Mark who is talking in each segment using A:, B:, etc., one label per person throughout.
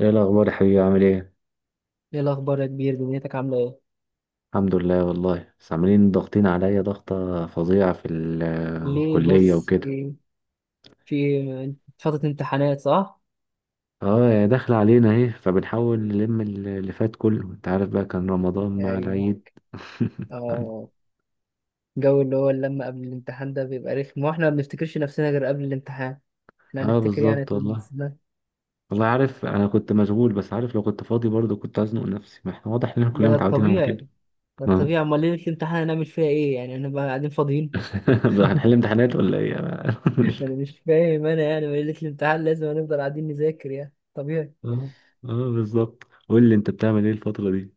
A: ايه الاخبار يا حبيبي؟ عامل ايه؟
B: ايه الاخبار يا كبير؟ دنيتك عامله ايه؟
A: الحمد لله والله، بس عاملين ضاغطين عليا ضغطه فظيعه في
B: ليه
A: الكليه
B: بس؟
A: وكده.
B: في فتره امتحانات صح؟
A: اه، يا داخله علينا اهي، فبنحاول نلم اللي فات كله، انت عارف بقى، كان رمضان
B: يا
A: مع
B: عيني.
A: العيد.
B: اه. الجو اللي هو اللمه قبل الامتحان ده بيبقى رخم، واحنا ما بنفتكرش نفسنا غير قبل الامتحان. احنا
A: اه
B: هنفتكر يعني
A: بالظبط
B: طول
A: والله.
B: السنه؟
A: والله عارف، انا كنت مشغول، بس عارف لو كنت فاضي برضه كنت هزنق نفسي. ما احنا واضح اننا
B: ده
A: كلنا
B: ده
A: متعودين على
B: الطبيعي.
A: كده.
B: ده
A: اه.
B: الطبيعي، امال ليله الامتحان هنعمل فيها ايه؟ يعني هنبقى قاعدين فاضيين؟
A: هنحل امتحانات ولا ايه؟ مش فاهم.
B: انا مش فاهم. انا يعني ليله الامتحان لازم هنفضل قاعدين نذاكر، يعني طبيعي.
A: اه. اه بالظبط. قول لي انت بتعمل ايه الفتره دي؟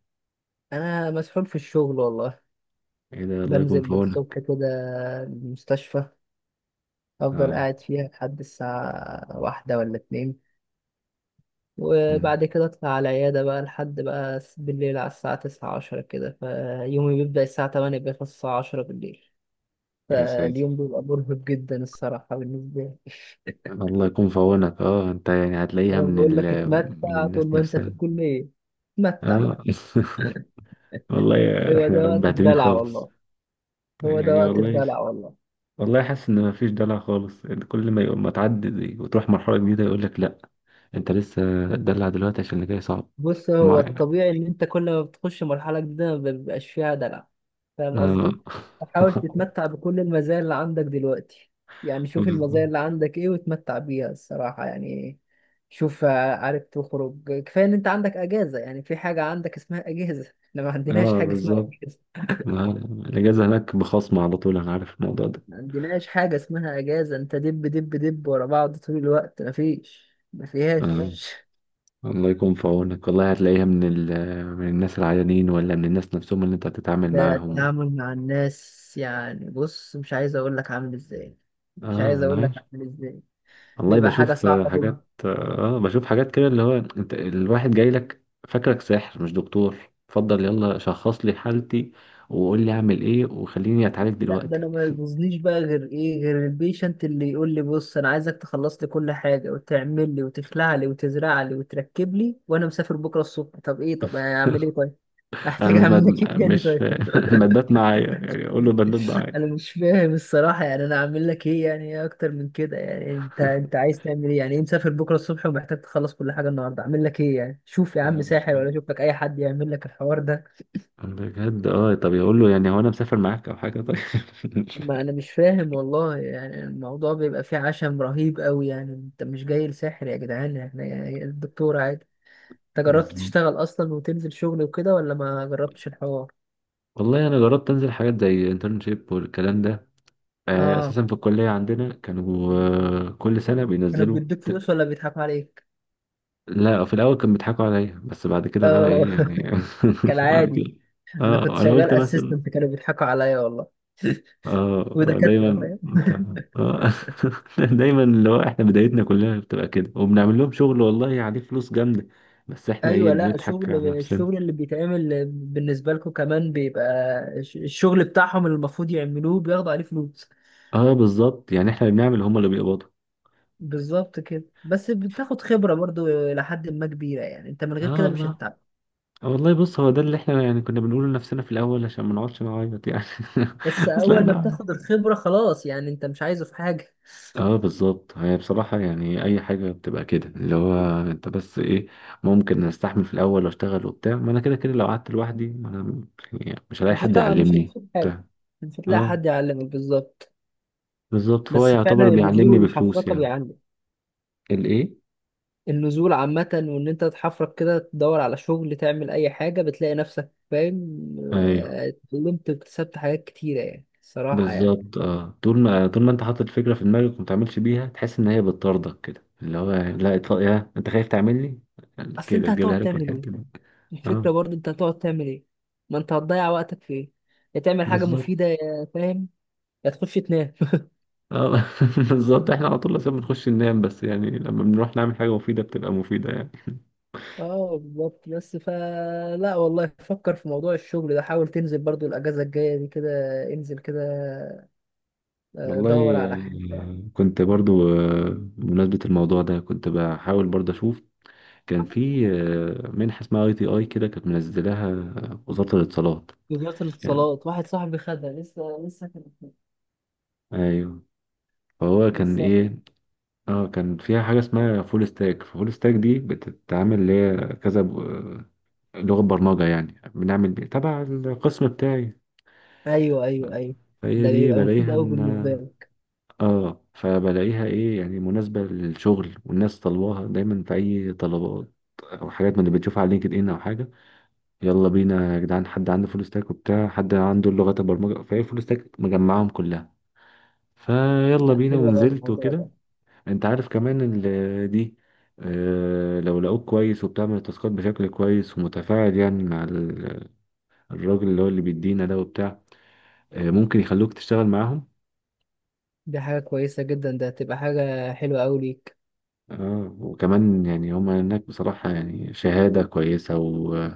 B: انا مسحول في الشغل والله.
A: ايه ده، الله يكون في
B: بنزل الصبح
A: عونك.
B: كده. المستشفى. افضل
A: اه.
B: قاعد فيها لحد الساعة 1 ولا 2. وبعد كده اطلع على العيادة بقى لحد بقى بالليل على الساعة تسعة عشرة كده. فيومي بيبدأ الساعة 8، بيخلص الساعة 10 بالليل.
A: يا ساتر.
B: فاليوم بيبقى مرهق جدا الصراحة بالنسبة لي.
A: الله يكون في عونك. اه انت يعني هتلاقيها
B: أنا
A: من
B: بقول لك
A: من
B: اتمتع طول
A: الناس
B: ما أنت في
A: نفسها.
B: الكلية. اتمتع.
A: اه. والله
B: هو ده
A: احنا
B: وقت
A: مبهدلين
B: الدلع
A: خالص.
B: والله. هو ده
A: يعني
B: وقت
A: والله.
B: الدلع والله.
A: والله حاسس ان مفيش دلع خالص، إن كل ما يقوم ما تعدي دي وتروح مرحله جديده يقول لك لا. انت لسه، دلع دلوقتي عشان اللي جاي صعب.
B: بص، هو
A: ما يعني،
B: الطبيعي ان انت كل ما بتخش مرحله جديده ما بيبقاش فيها دلع. فاهم
A: اه.
B: قصدي؟ حاول تتمتع بكل المزايا اللي عندك دلوقتي. يعني شوف المزايا اللي عندك ايه، وتمتع بيها الصراحه يعني. شوف، عارف تخرج كفايه ان انت عندك اجازه. يعني في حاجه عندك اسمها اجازه. احنا ما عندناش
A: اه
B: حاجه اسمها
A: بالظبط.
B: اجازه.
A: آه، الاجازه هناك بخصم على طول، انا عارف الموضوع ده.
B: ما عندناش حاجه اسمها اجازه. انت دب دب دب ورا بعض طول الوقت، ما فيش ما
A: آه.
B: فيهاش.
A: الله يكون في عونك. والله هتلاقيها من من الناس العيانين ولا من الناس نفسهم اللي انت هتتعامل
B: ده
A: معاهم.
B: التعامل مع الناس يعني. بص مش عايز اقول لك عامل ازاي. مش
A: اه
B: عايز
A: انا
B: اقول لك
A: عارف.
B: عامل ازاي.
A: والله
B: بيبقى حاجه
A: بشوف
B: صعبه جدا.
A: حاجات. اه بشوف حاجات كده، اللي هو انت الواحد جاي لك فاكرك ساحر مش دكتور. اتفضل يلا شخص لي حالتي، وقول لي اعمل ايه، وخليني اتعالج
B: لا، ده
A: دلوقتي.
B: انا ما يبوظنيش بقى غير ايه؟ غير البيشنت اللي يقول لي بص انا عايزك تخلص لي كل حاجه، وتعمل لي وتخلع لي وتزرع لي وتركب لي، وانا مسافر بكره الصبح. طب ايه؟ طب اعمل ايه طيب؟
A: انا
B: احتاج
A: مش مد...
B: اعمل لك ايه تاني
A: مش ف...
B: طيب؟
A: مدات معايا، يعني اقول له بندات معايا.
B: انا مش فاهم الصراحه يعني. انا اعمل لك ايه؟ يعني ايه اكتر من كده؟ يعني انت عايز تعمل ايه؟ يعني ايه مسافر بكره الصبح ومحتاج تخلص كل حاجه النهارده؟ اعمل لك ايه يعني؟ شوف يا
A: آه،
B: عم
A: مش-
B: ساحر، ولا شوف لك اي حد يعمل لك الحوار ده.
A: بجد. اه، طب يقول له يعني هو انا مسافر معاك او حاجه، طيب.
B: ما انا مش فاهم والله. يعني الموضوع بيبقى فيه عشم رهيب قوي. يعني انت مش جاي لساحر يا جدعان، احنا يعني الدكتور عادي. انت جربت
A: بالظبط.
B: تشتغل اصلا وتنزل شغل وكده، ولا ما جربتش الحوار؟
A: والله انا جربت انزل حاجات زي انترنشيب والكلام ده.
B: اه.
A: اساسا في الكليه عندنا كانوا كل سنه
B: انا بيديك فلوس ولا بيضحكوا عليك؟
A: لا، في الاول كانوا بيضحكوا عليا، بس بعد كده بقى
B: اه.
A: ايه يعني. بعد
B: كالعادي.
A: كده.
B: انا كنت
A: اه انا
B: شغال
A: قلت مثلا.
B: اسيستنت، كانوا بيضحكوا عليا والله.
A: اه
B: ودكاتره
A: دايما
B: فاهم.
A: انت. اه. دايما اللي هو احنا بدايتنا كلها بتبقى كده، وبنعمل لهم شغل والله عليه فلوس جامده. بس احنا ايه؟
B: ايوه. لا،
A: بنضحك على نفسنا.
B: الشغل اللي بيتعمل بالنسبه لكم كمان بيبقى. الشغل بتاعهم اللي المفروض يعملوه بياخدوا عليه فلوس.
A: اه بالظبط، يعني احنا اللي بنعمل هم اللي بيقبضوا.
B: بالظبط كده. بس بتاخد خبره برضو. لحد ما كبيره يعني، انت من غير
A: اه
B: كده مش
A: والله.
B: هتتعب.
A: والله بص، هو ده اللي احنا يعني كنا بنقوله لنفسنا في الاول عشان ما نقعدش نعيط يعني.
B: بس
A: اصل
B: اول ما
A: انا.
B: بتاخد الخبره خلاص، يعني انت مش عايزه في حاجه.
A: اه بالظبط. هي بصراحة يعني اي حاجة بتبقى كده، اللي هو انت بس ايه. ممكن استحمل في الاول واشتغل وبتاع، ما انا كده كده لو قعدت لوحدي ما انا، يعني مش هلاقي
B: مش
A: حد
B: هتلاقي مش
A: يعلمني
B: هتلاقي حاجه.
A: بتاع
B: مش هتلاقي
A: اه
B: حد يعلمك بالظبط.
A: بالظبط، فهو
B: بس فعلا
A: يعتبر
B: النزول
A: بيعلمني بفلوس
B: والحفرقه
A: يعني.
B: بيعلم.
A: الايه؟
B: النزول عامة، وإن أنت تحفرك كده تدور على شغل تعمل أي حاجة، بتلاقي نفسك فاهم،
A: ايوه
B: اتعلمت واكتسبت حاجات كتيرة يعني الصراحة يعني.
A: بالظبط. اه، طول ما انت حاطط الفكره في دماغك وما تعملش بيها تحس ان هي بتطاردك، كده اللي هو لا اطلع، يا انت خايف تعملني
B: أصل
A: كده
B: أنت
A: تجيبها
B: هتقعد
A: لك من
B: تعمل إيه؟
A: الحته دي.
B: الفكرة
A: اه
B: برضه أنت هتقعد تعمل إيه؟ ما أنت هتضيع وقتك في إيه؟ يا تعمل حاجة
A: بالظبط.
B: مفيدة، يا فاهم. يا تخش تنام.
A: اه. بالظبط، احنا على طول لازم بنخش ننام، بس يعني لما بنروح نعمل حاجه مفيده بتبقى مفيده يعني.
B: اه بالظبط. بس فا لا والله، فكر في موضوع الشغل ده، حاول تنزل برضو الاجازه الجايه دي كده. انزل كده. دور
A: والله.
B: على حاجه.
A: كنت برضو بمناسبة الموضوع ده، كنت بحاول برضو أشوف. كان في منحة اسمها ITI كده، كانت منزلاها وزارة الاتصالات
B: وزاره
A: يعني.
B: الاتصالات. واحد صاحبي خدها لسه لسه.
A: أيوه. فهو كان
B: بالظبط.
A: إيه؟ اه كان فيها حاجة اسمها فول ستاك. فول ستاك دي بتتعامل اللي هي كذا لغة برمجة، يعني بنعمل بيه تبع القسم بتاعي.
B: ايوه، ايوه، ايوه.
A: فهي
B: ده
A: دي
B: بيبقى مفيد
A: بلاقيها
B: قوي
A: ان،
B: بالنسبه لك.
A: اه فبلاقيها ايه، يعني مناسبة للشغل، والناس طلبوها دايما في اي طلبات او حاجات، من اللي بتشوفها على لينكد ان او حاجة. يلا بينا يا جدعان، حد عنده فول ستاك وبتاع، حد عنده لغات البرمجة، فهي فول ستاك مجمعهم كلها، فيلا
B: لا،
A: بينا،
B: حلو قوي
A: ونزلت
B: الموضوع
A: وكده.
B: ده.
A: انت عارف كمان دي لو لقوك كويس وبتعمل التاسكات بشكل كويس ومتفاعل يعني مع الراجل اللي هو اللي بيدينا ده وبتاع، ممكن يخلوك تشتغل معاهم.
B: دي حاجه كويسه جدا، ده هتبقى حاجه حلوه قوي ليك.
A: اه، وكمان يعني هما هناك بصراحة يعني شهادة كويسة،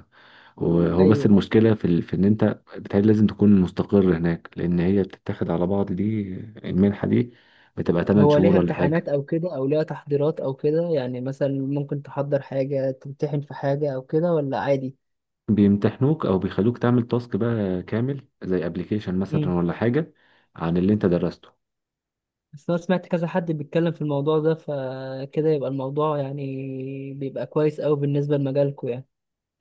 A: وهو بس
B: ايوه.
A: المشكلة في، في إن أنت بتهيألي لازم تكون مستقر هناك، لأن هي بتتاخد على بعض دي، المنحة دي بتبقى 8
B: هو
A: شهور
B: ليها
A: ولا حاجة.
B: امتحانات او كده؟ او ليها تحضيرات او كده؟ يعني مثلا ممكن تحضر حاجه، تمتحن في حاجه او كده، ولا عادي؟
A: بيمتحنوك او بيخلوك تعمل تاسك بقى كامل زي ابلكيشن مثلا
B: امم
A: ولا حاجه عن اللي انت درسته.
B: بس انا سمعت كذا حد بيتكلم في الموضوع ده، فكده يبقى الموضوع يعني. بيبقى كويس قوي بالنسبه لمجالكم يعني.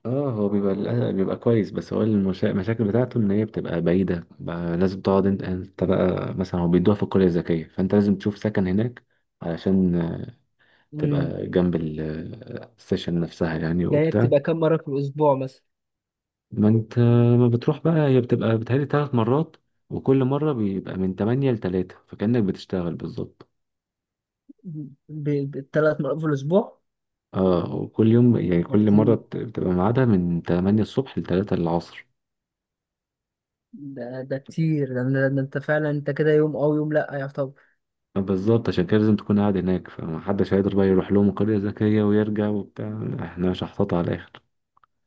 A: اه هو بيبقى بيبقى كويس، بس هو المشاكل بتاعته ان هي بتبقى بعيده بقى، لازم تقعد انت بقى، مثلا هو بيدوها في القريه الذكيه، فانت لازم تشوف سكن هناك علشان
B: امم
A: تبقى جنب السيشن نفسها يعني
B: ده هي
A: وبتاع.
B: بتبقى كم مره في الاسبوع مثلا؟
A: ما انت، ما بتروح بقى، هي بتبقى بتهيألي 3 مرات، وكل مره بيبقى من 8 ل 3، فكأنك بتشتغل بالظبط.
B: بالثلاث مرات في الاسبوع؟
A: اه، وكل يوم يعني
B: ده
A: كل مرة
B: كتير.
A: بتبقى ميعادها من 8 الصبح ل 3 العصر.
B: ده كتير، ده انت فعلا. انت كده يوم او يوم لا يعتبر.
A: بالظبط، عشان كده لازم تكون قاعد هناك، فمحدش هيقدر بقى يروح لهم قرية ذكية ويرجع وبتاع. لا، احنا شحططة على الآخر.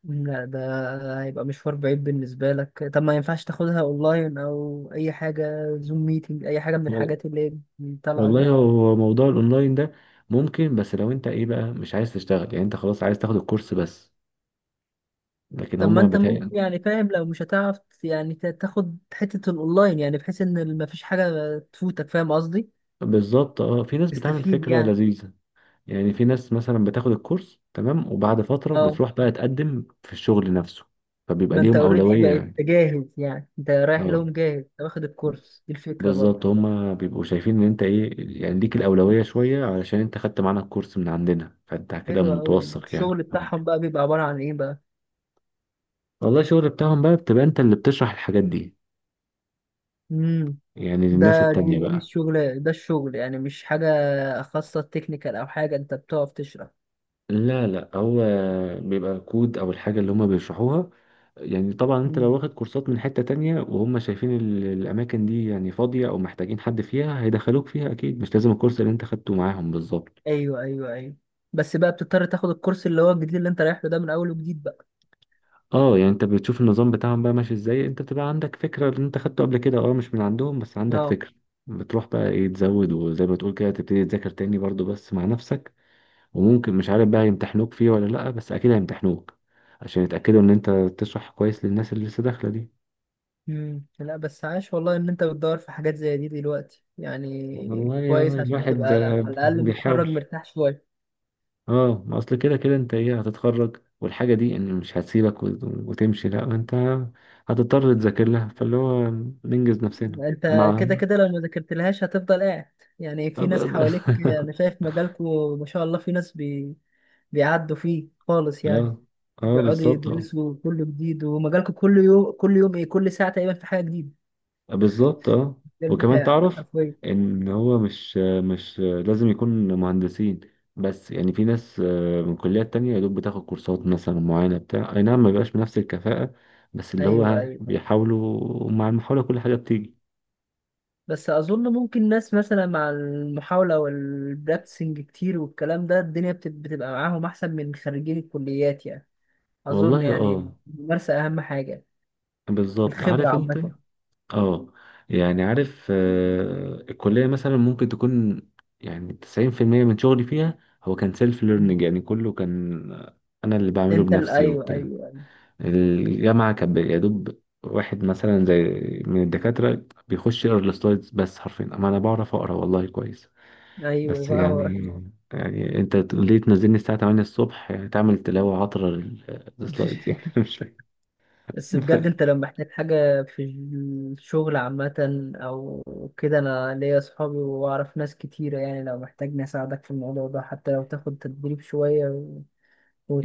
B: لا، ده هيبقى مشوار بعيد بالنسبة لك. طب ما ينفعش تاخدها اونلاين؟ او اي حاجة زوم ميتنج، اي حاجة من
A: وال-
B: الحاجات اللي هي طالعة دي؟
A: والله هو موضوع الأونلاين ده ممكن، بس لو أنت إيه بقى مش عايز تشتغل يعني، أنت خلاص عايز تاخد الكورس بس، لكن
B: طب ما
A: هما
B: انت ممكن يعني، فاهم، لو مش هتعرف. يعني تاخد حتة الاونلاين، يعني بحيث ان مفيش حاجة تفوتك. فاهم قصدي؟
A: بالظبط. اه، في ناس بتعمل
B: تستفيد
A: فكرة
B: يعني.
A: لذيذة، يعني في ناس مثلا بتاخد الكورس تمام، وبعد فترة
B: اه،
A: بتروح بقى تقدم في الشغل نفسه، فبيبقى
B: ما انت
A: ليهم
B: اوريدي
A: أولوية
B: بقيت
A: يعني.
B: جاهز. يعني انت رايح
A: اه
B: لهم جاهز، انت واخد الكورس. دي الفكرة برضه.
A: بالظبط، هما بيبقوا شايفين ان انت ايه، يعني ليك الاولويه شويه علشان انت خدت معانا الكورس من عندنا، فانت كده
B: حلوة أوي.
A: متوثق يعني.
B: الشغل بتاعهم بقى بيبقى عبارة عن إيه بقى؟
A: والله الشغل بتاعهم بقى بتبقى انت اللي بتشرح الحاجات دي
B: امم.
A: يعني للناس
B: ده دي,
A: التانية
B: دي
A: بقى.
B: الشغل. ده الشغل يعني مش حاجة خاصة تكنيكال أو حاجة، أنت بتقف تشرح؟
A: لا لا، هو بيبقى كود او الحاجه اللي هما بيشرحوها. يعني طبعا انت لو
B: امم.
A: واخد كورسات من حته تانية، وهم شايفين الاماكن دي يعني فاضيه او محتاجين حد فيها، هيدخلوك فيها اكيد، مش لازم الكورس اللي انت خدته معاهم بالظبط.
B: أيوه، أيوه، أيوه. بس بقى بتضطر تاخد الكورس اللي هو الجديد، اللي أنت رايح له ده، من أول وجديد بقى.
A: اه، يعني انت بتشوف النظام بتاعهم بقى ماشي ازاي، انت بتبقى عندك فكرة اللي انت خدته قبل كده، اه مش من عندهم، بس عندك
B: اه.
A: فكرة. بتروح بقى ايه تزود، وزي ما تقول كده تبتدي تذاكر تاني برضو بس مع نفسك. وممكن مش عارف بقى يمتحنوك فيه ولا لأ، بس اكيد هيمتحنوك عشان يتأكدوا ان انت تشرح كويس للناس اللي لسه داخلة دي.
B: لا، بس عاش والله إن أنت بتدور في حاجات زي دي دلوقتي، يعني
A: والله يا
B: كويس عشان
A: الواحد،
B: تبقى على الأقل متخرج
A: بيحاول.
B: مرتاح شوية.
A: اه، ما اصل كده كده انت ايه، هتتخرج والحاجة دي ان مش هتسيبك وتمشي، لأ انت هتضطر تذاكر لها، فاللي هو ننجز نفسنا
B: أنت
A: مع.
B: كده كده لو ما ذاكرتلهاش هتفضل قاعد. يعني
A: اه
B: في ناس حواليك، أنا شايف مجالكوا ما شاء الله في ناس بيعدوا فيه خالص يعني.
A: اه. اه
B: بيقعدوا
A: بالظبط. اه
B: يدرسوا كله جديد. ومجالكم كل يوم كل يوم ايه؟ كل ساعة تقريبا في حاجة جديدة.
A: بالظبط. اه
B: ده
A: وكمان
B: بتاعك
A: تعرف
B: حرفيا.
A: ان هو مش لازم يكون مهندسين، بس يعني في ناس من كليات تانية يا دوب بتاخد كورسات مثلا معينة بتاع اي نعم ما بيبقاش بنفس الكفاءة، بس اللي
B: ايوه،
A: هو
B: ايوه.
A: بيحاولوا، مع المحاولة كل حاجة بتيجي.
B: بس اظن ممكن ناس مثلا مع المحاولة والبراكتسنج كتير والكلام ده، الدنيا بتبقى معاهم احسن من خريجين الكليات يعني. اظن
A: والله
B: يعني.
A: اه
B: الممارسة اهم حاجة.
A: بالظبط.
B: الخبرة
A: عارف انت.
B: عامة.
A: اه يعني عارف، الكلية مثلا ممكن تكون، يعني 90% من شغلي فيها هو كان سيلف ليرنينج، يعني كله كان أنا اللي بعمله
B: انت
A: بنفسي
B: ايوه،
A: وبتاع.
B: ايوه،
A: الجامعة كان يا دوب واحد مثلا زي، من الدكاترة بيخش يقرا السلايدز بس حرفيا. أما أنا بعرف أقرا والله كويس.
B: ايوه
A: بس
B: بقى هو.
A: يعني، يعني أنت ليه تنزلني الساعة 8 الصبح يعني تعمل تلاوة عطرة للسلايدز يعني؟ مش
B: بس بجد،
A: فاهم.
B: انت لو محتاج حاجة في الشغل عامة، او كده، انا ليا صحابي واعرف ناس كتيرة. يعني لو محتاجني اساعدك في الموضوع ده، حتى لو تاخد تدريب شوية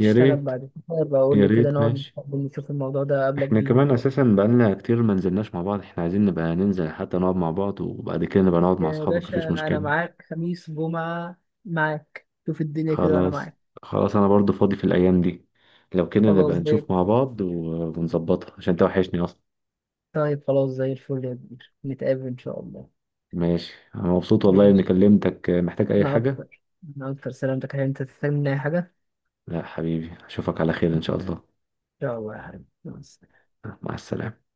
A: يا ريت.
B: بعد كده بقى، قول
A: يا
B: لي كده
A: ريت
B: نقعد
A: ماشي.
B: نتقابل نشوف الموضوع ده قبلك
A: احنا
B: بيهم
A: كمان
B: برضه.
A: اساسا بقالنا كتير ما نزلناش مع بعض، احنا عايزين نبقى ننزل حتى نقعد مع بعض، وبعد كده نبقى نقعد مع
B: يا
A: اصحابك
B: باشا،
A: مفيش
B: انا
A: مشكلة.
B: معاك خميس جمعة. معاك. شوف الدنيا كده وانا
A: خلاص.
B: معاك.
A: خلاص انا برضو فاضي في الايام دي، لو كده
B: خلاص
A: نبقى
B: زي
A: نشوف مع بعض ونظبطها، عشان انت وحشني اصلا.
B: طيب خلاص زي الفل يا كبير، نتقابل ان شاء الله.
A: ماشي، انا مبسوط والله اني
B: ماشي.
A: كلمتك. محتاج اي
B: انا
A: حاجة؟
B: اكتر انا اكتر سلامتك، هل انت تحتاج مني اي حاجة؟
A: لا حبيبي، اشوفك على خير ان شاء الله.
B: شاء الله يا حبيبي، مع السلامة.
A: مع السلامة